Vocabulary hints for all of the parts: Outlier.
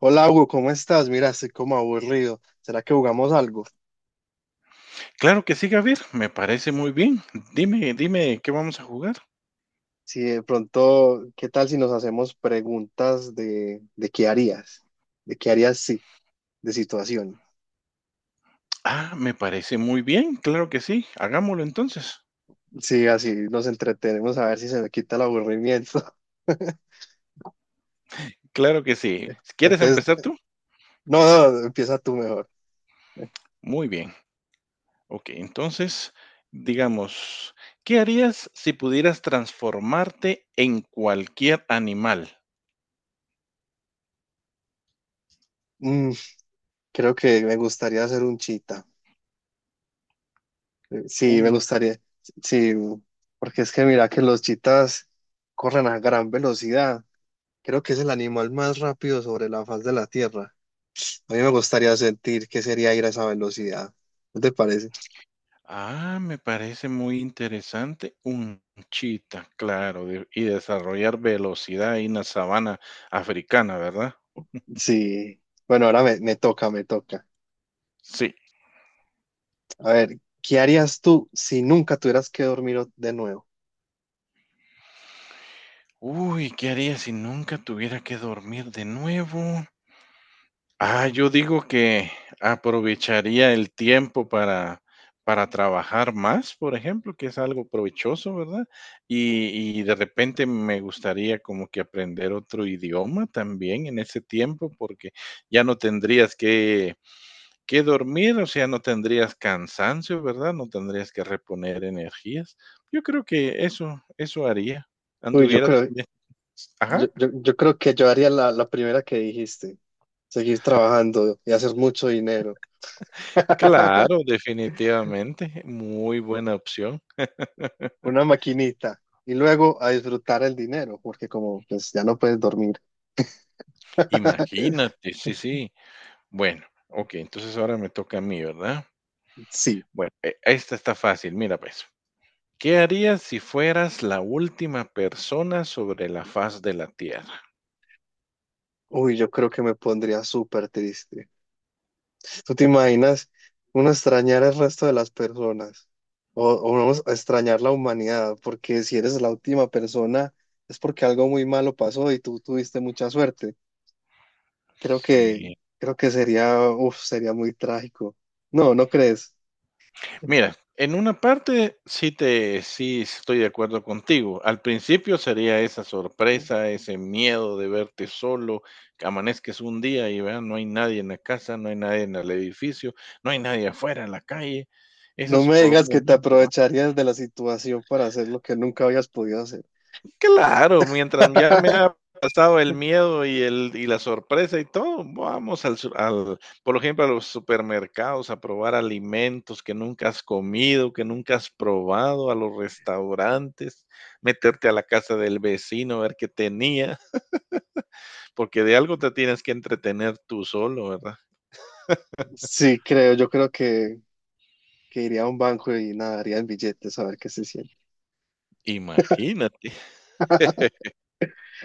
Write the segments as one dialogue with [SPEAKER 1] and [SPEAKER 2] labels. [SPEAKER 1] Hola Hugo, ¿cómo estás? Mira, estoy como aburrido. ¿Será que jugamos algo?
[SPEAKER 2] Claro que sí, Javier, me parece muy bien. Dime, ¿qué vamos a jugar?
[SPEAKER 1] Si de pronto, ¿qué tal si nos hacemos preguntas de qué harías? ¿De qué harías sí? De situación.
[SPEAKER 2] Ah, me parece muy bien, claro que sí, hagámoslo entonces.
[SPEAKER 1] Sí, así nos entretenemos a ver si se me quita el aburrimiento.
[SPEAKER 2] Claro que sí. ¿Quieres
[SPEAKER 1] Entonces,
[SPEAKER 2] empezar tú?
[SPEAKER 1] no, no, empieza tú mejor.
[SPEAKER 2] Muy bien. Ok, entonces, digamos, ¿qué harías si pudieras transformarte en cualquier animal?
[SPEAKER 1] Mm, creo que me gustaría ser un chita. Sí, me
[SPEAKER 2] Un,
[SPEAKER 1] gustaría. Sí, porque es que mira que los chitas corren a gran velocidad. Creo que es el animal más rápido sobre la faz de la Tierra. A mí me gustaría sentir qué sería ir a esa velocidad. ¿No te parece?
[SPEAKER 2] ah, me parece muy interesante, un chita, claro, y desarrollar velocidad en la sabana africana, ¿verdad?
[SPEAKER 1] Sí. Bueno, ahora me toca, me toca.
[SPEAKER 2] Sí.
[SPEAKER 1] A ver, ¿qué harías tú si nunca tuvieras que dormir de nuevo?
[SPEAKER 2] Uy, ¿qué haría si nunca tuviera que dormir de nuevo? Ah, yo digo que aprovecharía el tiempo para trabajar más, por ejemplo, que es algo provechoso, ¿verdad? Y de repente me gustaría como que aprender otro idioma también en ese tiempo, porque ya no tendrías que dormir, o sea, no tendrías cansancio, ¿verdad? No tendrías que reponer energías. Yo creo que eso haría.
[SPEAKER 1] Uy, yo
[SPEAKER 2] Anduviera
[SPEAKER 1] creo,
[SPEAKER 2] también. Ajá.
[SPEAKER 1] yo creo que yo haría la primera que dijiste. Seguir trabajando y hacer mucho dinero.
[SPEAKER 2] Claro, definitivamente, muy buena opción.
[SPEAKER 1] Una maquinita. Y luego a disfrutar el dinero, porque como pues ya no puedes dormir.
[SPEAKER 2] Imagínate, sí, sí. Bueno, ok, entonces ahora me toca a mí, ¿verdad?
[SPEAKER 1] Sí.
[SPEAKER 2] Bueno, esta está fácil, mira pues. ¿Qué harías si fueras la última persona sobre la faz de la Tierra?
[SPEAKER 1] Uy, yo creo que me pondría súper triste. ¿Tú te imaginas uno extrañar el resto de las personas? O uno extrañar la humanidad, porque si eres la última persona es porque algo muy malo pasó y tú tuviste mucha suerte. Creo que,
[SPEAKER 2] Sí.
[SPEAKER 1] creo que sería, uf, sería muy trágico. No, ¿no crees?
[SPEAKER 2] Mira, en una parte sí te sí estoy de acuerdo contigo. Al principio sería esa sorpresa, ese miedo de verte solo, que amanezques un día y vean, no hay nadie en la casa, no hay nadie en el edificio, no hay nadie afuera en la calle. Eso
[SPEAKER 1] No
[SPEAKER 2] es
[SPEAKER 1] me
[SPEAKER 2] por un
[SPEAKER 1] digas que te
[SPEAKER 2] momento.
[SPEAKER 1] aprovecharías de la situación para hacer lo que nunca habías podido hacer.
[SPEAKER 2] Claro, mientras ya me ha pasado el miedo y el y la sorpresa y todo, vamos al su al por ejemplo, a los supermercados a probar alimentos que nunca has comido, que nunca has probado, a los restaurantes, meterte a la casa del vecino, ver qué tenía, porque de algo te tienes que entretener tú solo, ¿verdad?
[SPEAKER 1] Sí, creo, yo creo que iría a un banco y nadaría en billetes a ver qué se siente.
[SPEAKER 2] Imagínate,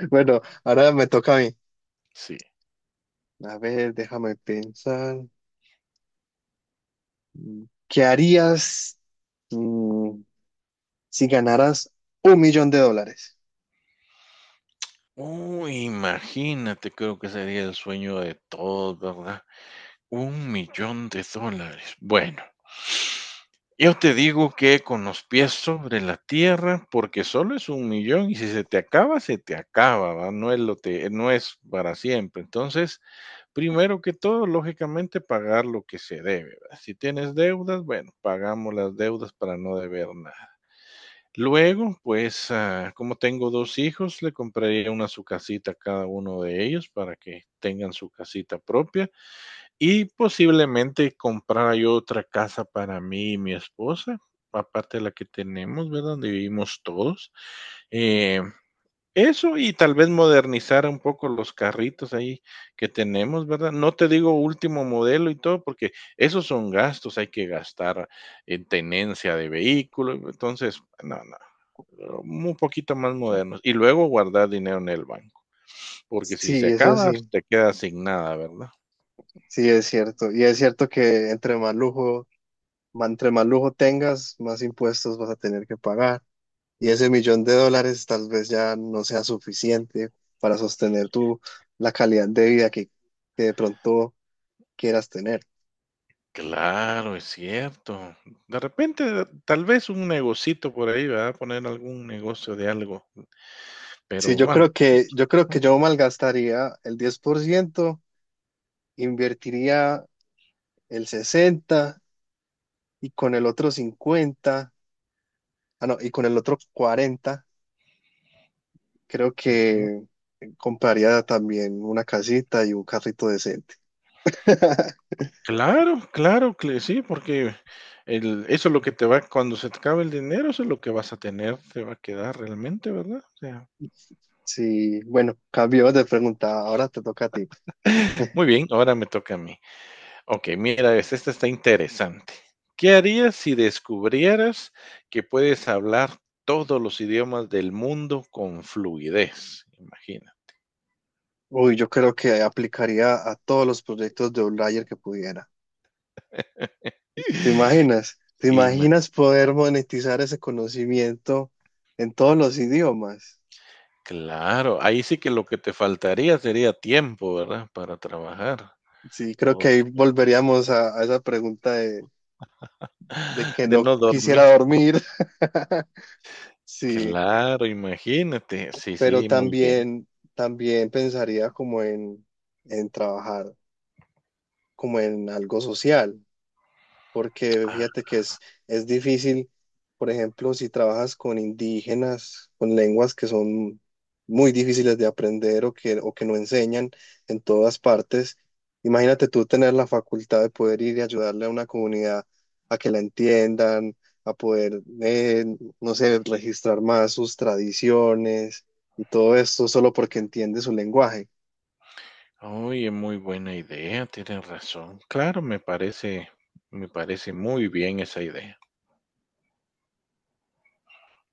[SPEAKER 1] Bueno, ahora me toca a mí.
[SPEAKER 2] sí.
[SPEAKER 1] A ver, déjame pensar. ¿Qué harías mm, si ganaras un millón de dólares?
[SPEAKER 2] Uy, imagínate, creo que sería el sueño de todos, ¿verdad? Un millón de dólares. Bueno. Yo te digo que con los pies sobre la tierra, porque solo es un millón y si se te acaba, se te acaba, ¿va? No es lo te, no es para siempre. Entonces, primero que todo, lógicamente, pagar lo que se debe, ¿va? Si tienes deudas, bueno, pagamos las deudas para no deber nada. Luego, pues, ah, como tengo dos hijos, le compraría una su casita a cada uno de ellos para que tengan su casita propia. Y posiblemente comprara yo otra casa para mí y mi esposa, aparte de la que tenemos, ¿verdad? Donde vivimos todos. Eh, eso y tal vez modernizar un poco los carritos ahí que tenemos, ¿verdad? No te digo último modelo y todo, porque esos son gastos, hay que gastar en tenencia de vehículo, entonces, no, un poquito más modernos. Y luego guardar dinero en el banco, porque si se
[SPEAKER 1] Sí, eso
[SPEAKER 2] acaba,
[SPEAKER 1] sí,
[SPEAKER 2] te quedas sin nada, ¿verdad?
[SPEAKER 1] sí es cierto. Y es cierto que entre más lujo, entre más lujo tengas, más impuestos vas a tener que pagar. Y ese millón de dólares tal vez ya no sea suficiente para sostener la calidad de vida que de pronto quieras tener.
[SPEAKER 2] Claro, es cierto. De repente, tal vez un negocito por ahí, ¿verdad? Poner algún negocio de algo,
[SPEAKER 1] Sí,
[SPEAKER 2] pero
[SPEAKER 1] yo
[SPEAKER 2] vamos.
[SPEAKER 1] creo que, yo creo que
[SPEAKER 2] Ujú,
[SPEAKER 1] yo malgastaría el 10%, invertiría el 60 y con el otro 50, ah, no, y con el otro 40, creo
[SPEAKER 2] ujú.
[SPEAKER 1] que compraría también una casita y un carrito decente.
[SPEAKER 2] Claro, claro que sí, porque el eso es lo que te va cuando se te acabe el dinero, eso es lo que vas a tener, te va a quedar realmente, ¿verdad? O sea,
[SPEAKER 1] Sí, bueno, cambio de pregunta, ahora te toca a ti.
[SPEAKER 2] muy bien, ahora me toca a mí. Okey, mira esta está interesante. ¿Qué harías si descubrieras que puedes hablar todos los idiomas del mundo con fluidez? Imagina.
[SPEAKER 1] Uy, yo creo que aplicaría a todos los proyectos de Outlier que pudiera. ¿Te imaginas? ¿Te imaginas poder monetizar ese conocimiento en todos los idiomas?
[SPEAKER 2] Claro, ahí sí que lo que te faltaría sería tiempo, ¿verdad? Para trabajar,
[SPEAKER 1] Sí, creo que ahí
[SPEAKER 2] porque
[SPEAKER 1] volveríamos a esa pregunta de que
[SPEAKER 2] de
[SPEAKER 1] no
[SPEAKER 2] no dormir.
[SPEAKER 1] quisiera dormir. Sí,
[SPEAKER 2] Claro, imagínate. Sí,
[SPEAKER 1] pero
[SPEAKER 2] sí, muy bien.
[SPEAKER 1] también, también pensaría como en trabajar como en algo social, porque
[SPEAKER 2] Ah,
[SPEAKER 1] fíjate que es difícil, por ejemplo, si trabajas con indígenas, con lenguas que son muy difíciles de aprender o que no enseñan en todas partes, imagínate tú tener la facultad de poder ir y ayudarle a una comunidad a que la entiendan, a poder, no sé, registrar más sus tradiciones y todo esto solo porque entiende su lenguaje.
[SPEAKER 2] oye, muy buena idea, tienes razón. Claro, me parece muy bien esa idea.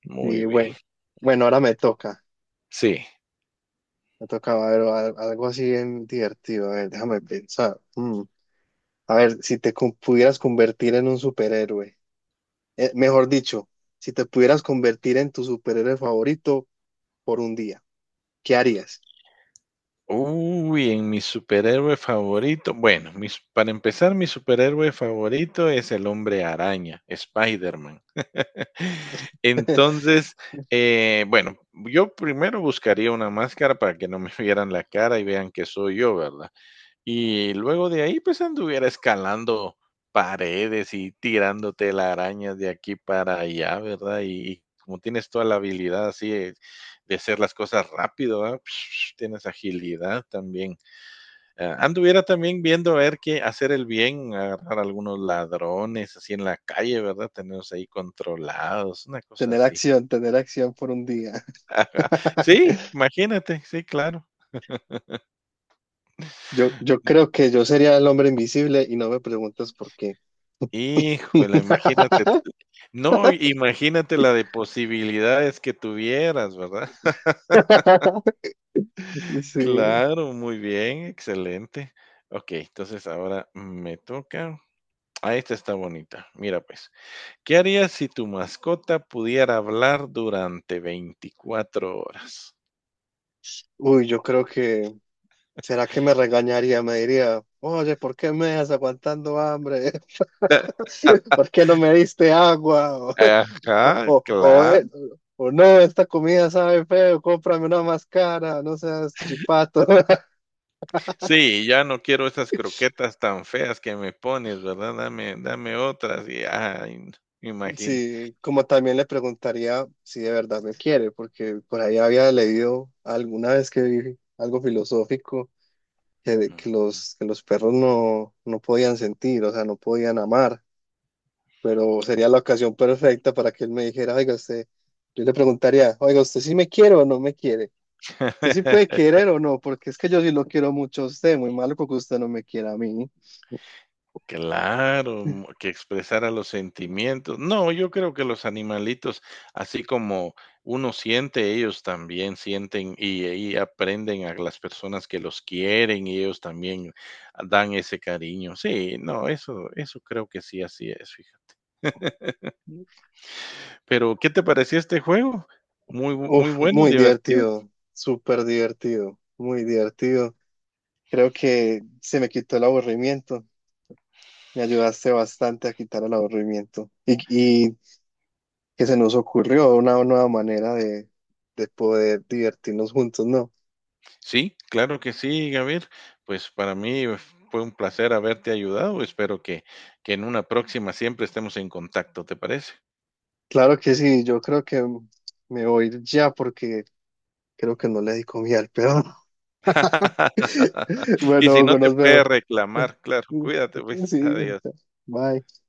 [SPEAKER 2] Muy
[SPEAKER 1] Y
[SPEAKER 2] bien.
[SPEAKER 1] bueno, bueno, ahora me toca.
[SPEAKER 2] Sí.
[SPEAKER 1] Me tocaba ver algo así bien divertido. A ver, déjame pensar. Mm. A ver, si pudieras convertir en un superhéroe, mejor dicho, si te pudieras convertir en tu superhéroe favorito por un día, ¿qué harías?
[SPEAKER 2] Uy, en mi superhéroe favorito. Bueno, mis, para empezar, mi superhéroe favorito es el hombre araña, Spider-Man. Entonces, bueno, yo primero buscaría una máscara para que no me vieran la cara y vean que soy yo, ¿verdad? Y luego de ahí, pues anduviera escalando paredes y tirando telarañas de aquí para allá, ¿verdad? Y como tienes toda la habilidad así de hacer las cosas rápido, ¿verdad? Tienes agilidad también. Ah, anduviera también viendo a ver qué hacer el bien, agarrar algunos ladrones así en la calle, ¿verdad? Tenerlos ahí controlados, una cosa así.
[SPEAKER 1] Tener acción por un día.
[SPEAKER 2] Sí, imagínate, sí, claro.
[SPEAKER 1] Yo
[SPEAKER 2] Mm,
[SPEAKER 1] creo que yo sería el hombre invisible y no me preguntas por qué.
[SPEAKER 2] híjole, imagínate. No, imagínate la de posibilidades que tuvieras, ¿verdad?
[SPEAKER 1] Sí.
[SPEAKER 2] Claro, muy bien, excelente. Okey, entonces ahora me toca. Ah, esta está bonita. Mira, pues, ¿qué harías si tu mascota pudiera hablar durante 24 horas?
[SPEAKER 1] Uy, yo creo que, ¿será que me regañaría? Me diría, oye, ¿por qué me dejas aguantando hambre? ¿Por qué no me diste agua? O,
[SPEAKER 2] Ajá, claro.
[SPEAKER 1] o no, esta comida sabe feo, cómprame una más cara, no seas chipato.
[SPEAKER 2] Sí, ya no quiero esas croquetas tan feas que me pones, ¿verdad? Dame otras y, ay, no, imagina.
[SPEAKER 1] Sí, como también le preguntaría si de verdad me quiere, porque por ahí había leído alguna vez que vi algo filosófico
[SPEAKER 2] Ujú.
[SPEAKER 1] que los perros no, no podían sentir, o sea, no podían amar, pero sería la ocasión perfecta para que él me dijera, oiga, usted, yo le preguntaría, oiga, ¿usted sí me quiere o no me quiere? ¿Usted sí puede querer o no? Porque es que yo sí lo quiero mucho a usted, muy malo que usted no me quiera a mí.
[SPEAKER 2] Claro, mm, que expresara los sentimientos. No, yo creo que los animalitos, así como uno siente, ellos también sienten y aprenden a las personas que los quieren y ellos también dan ese cariño. Sí, no, eso creo que sí, así es, fíjate. Pero, ¿qué te pareció este juego? Muy
[SPEAKER 1] Uf,
[SPEAKER 2] bueno,
[SPEAKER 1] muy
[SPEAKER 2] divertido.
[SPEAKER 1] divertido, súper divertido, muy divertido. Creo que se me quitó el aburrimiento. Me ayudaste bastante a quitar el aburrimiento y que se nos ocurrió una nueva manera de poder divertirnos juntos, ¿no?
[SPEAKER 2] Sí, claro que sí, Gabriel. Pues para mí fue un placer haberte ayudado. Espero que en una próxima siempre estemos en contacto, ¿te parece?
[SPEAKER 1] Claro que sí, yo creo que me voy ya porque creo que no le di comida al peón.
[SPEAKER 2] Y
[SPEAKER 1] Bueno,
[SPEAKER 2] si no
[SPEAKER 1] Hugo,
[SPEAKER 2] te
[SPEAKER 1] nos
[SPEAKER 2] puede
[SPEAKER 1] vemos.
[SPEAKER 2] reclamar, claro, cuídate, pues,
[SPEAKER 1] Sí, bueno,
[SPEAKER 2] adiós.
[SPEAKER 1] bye.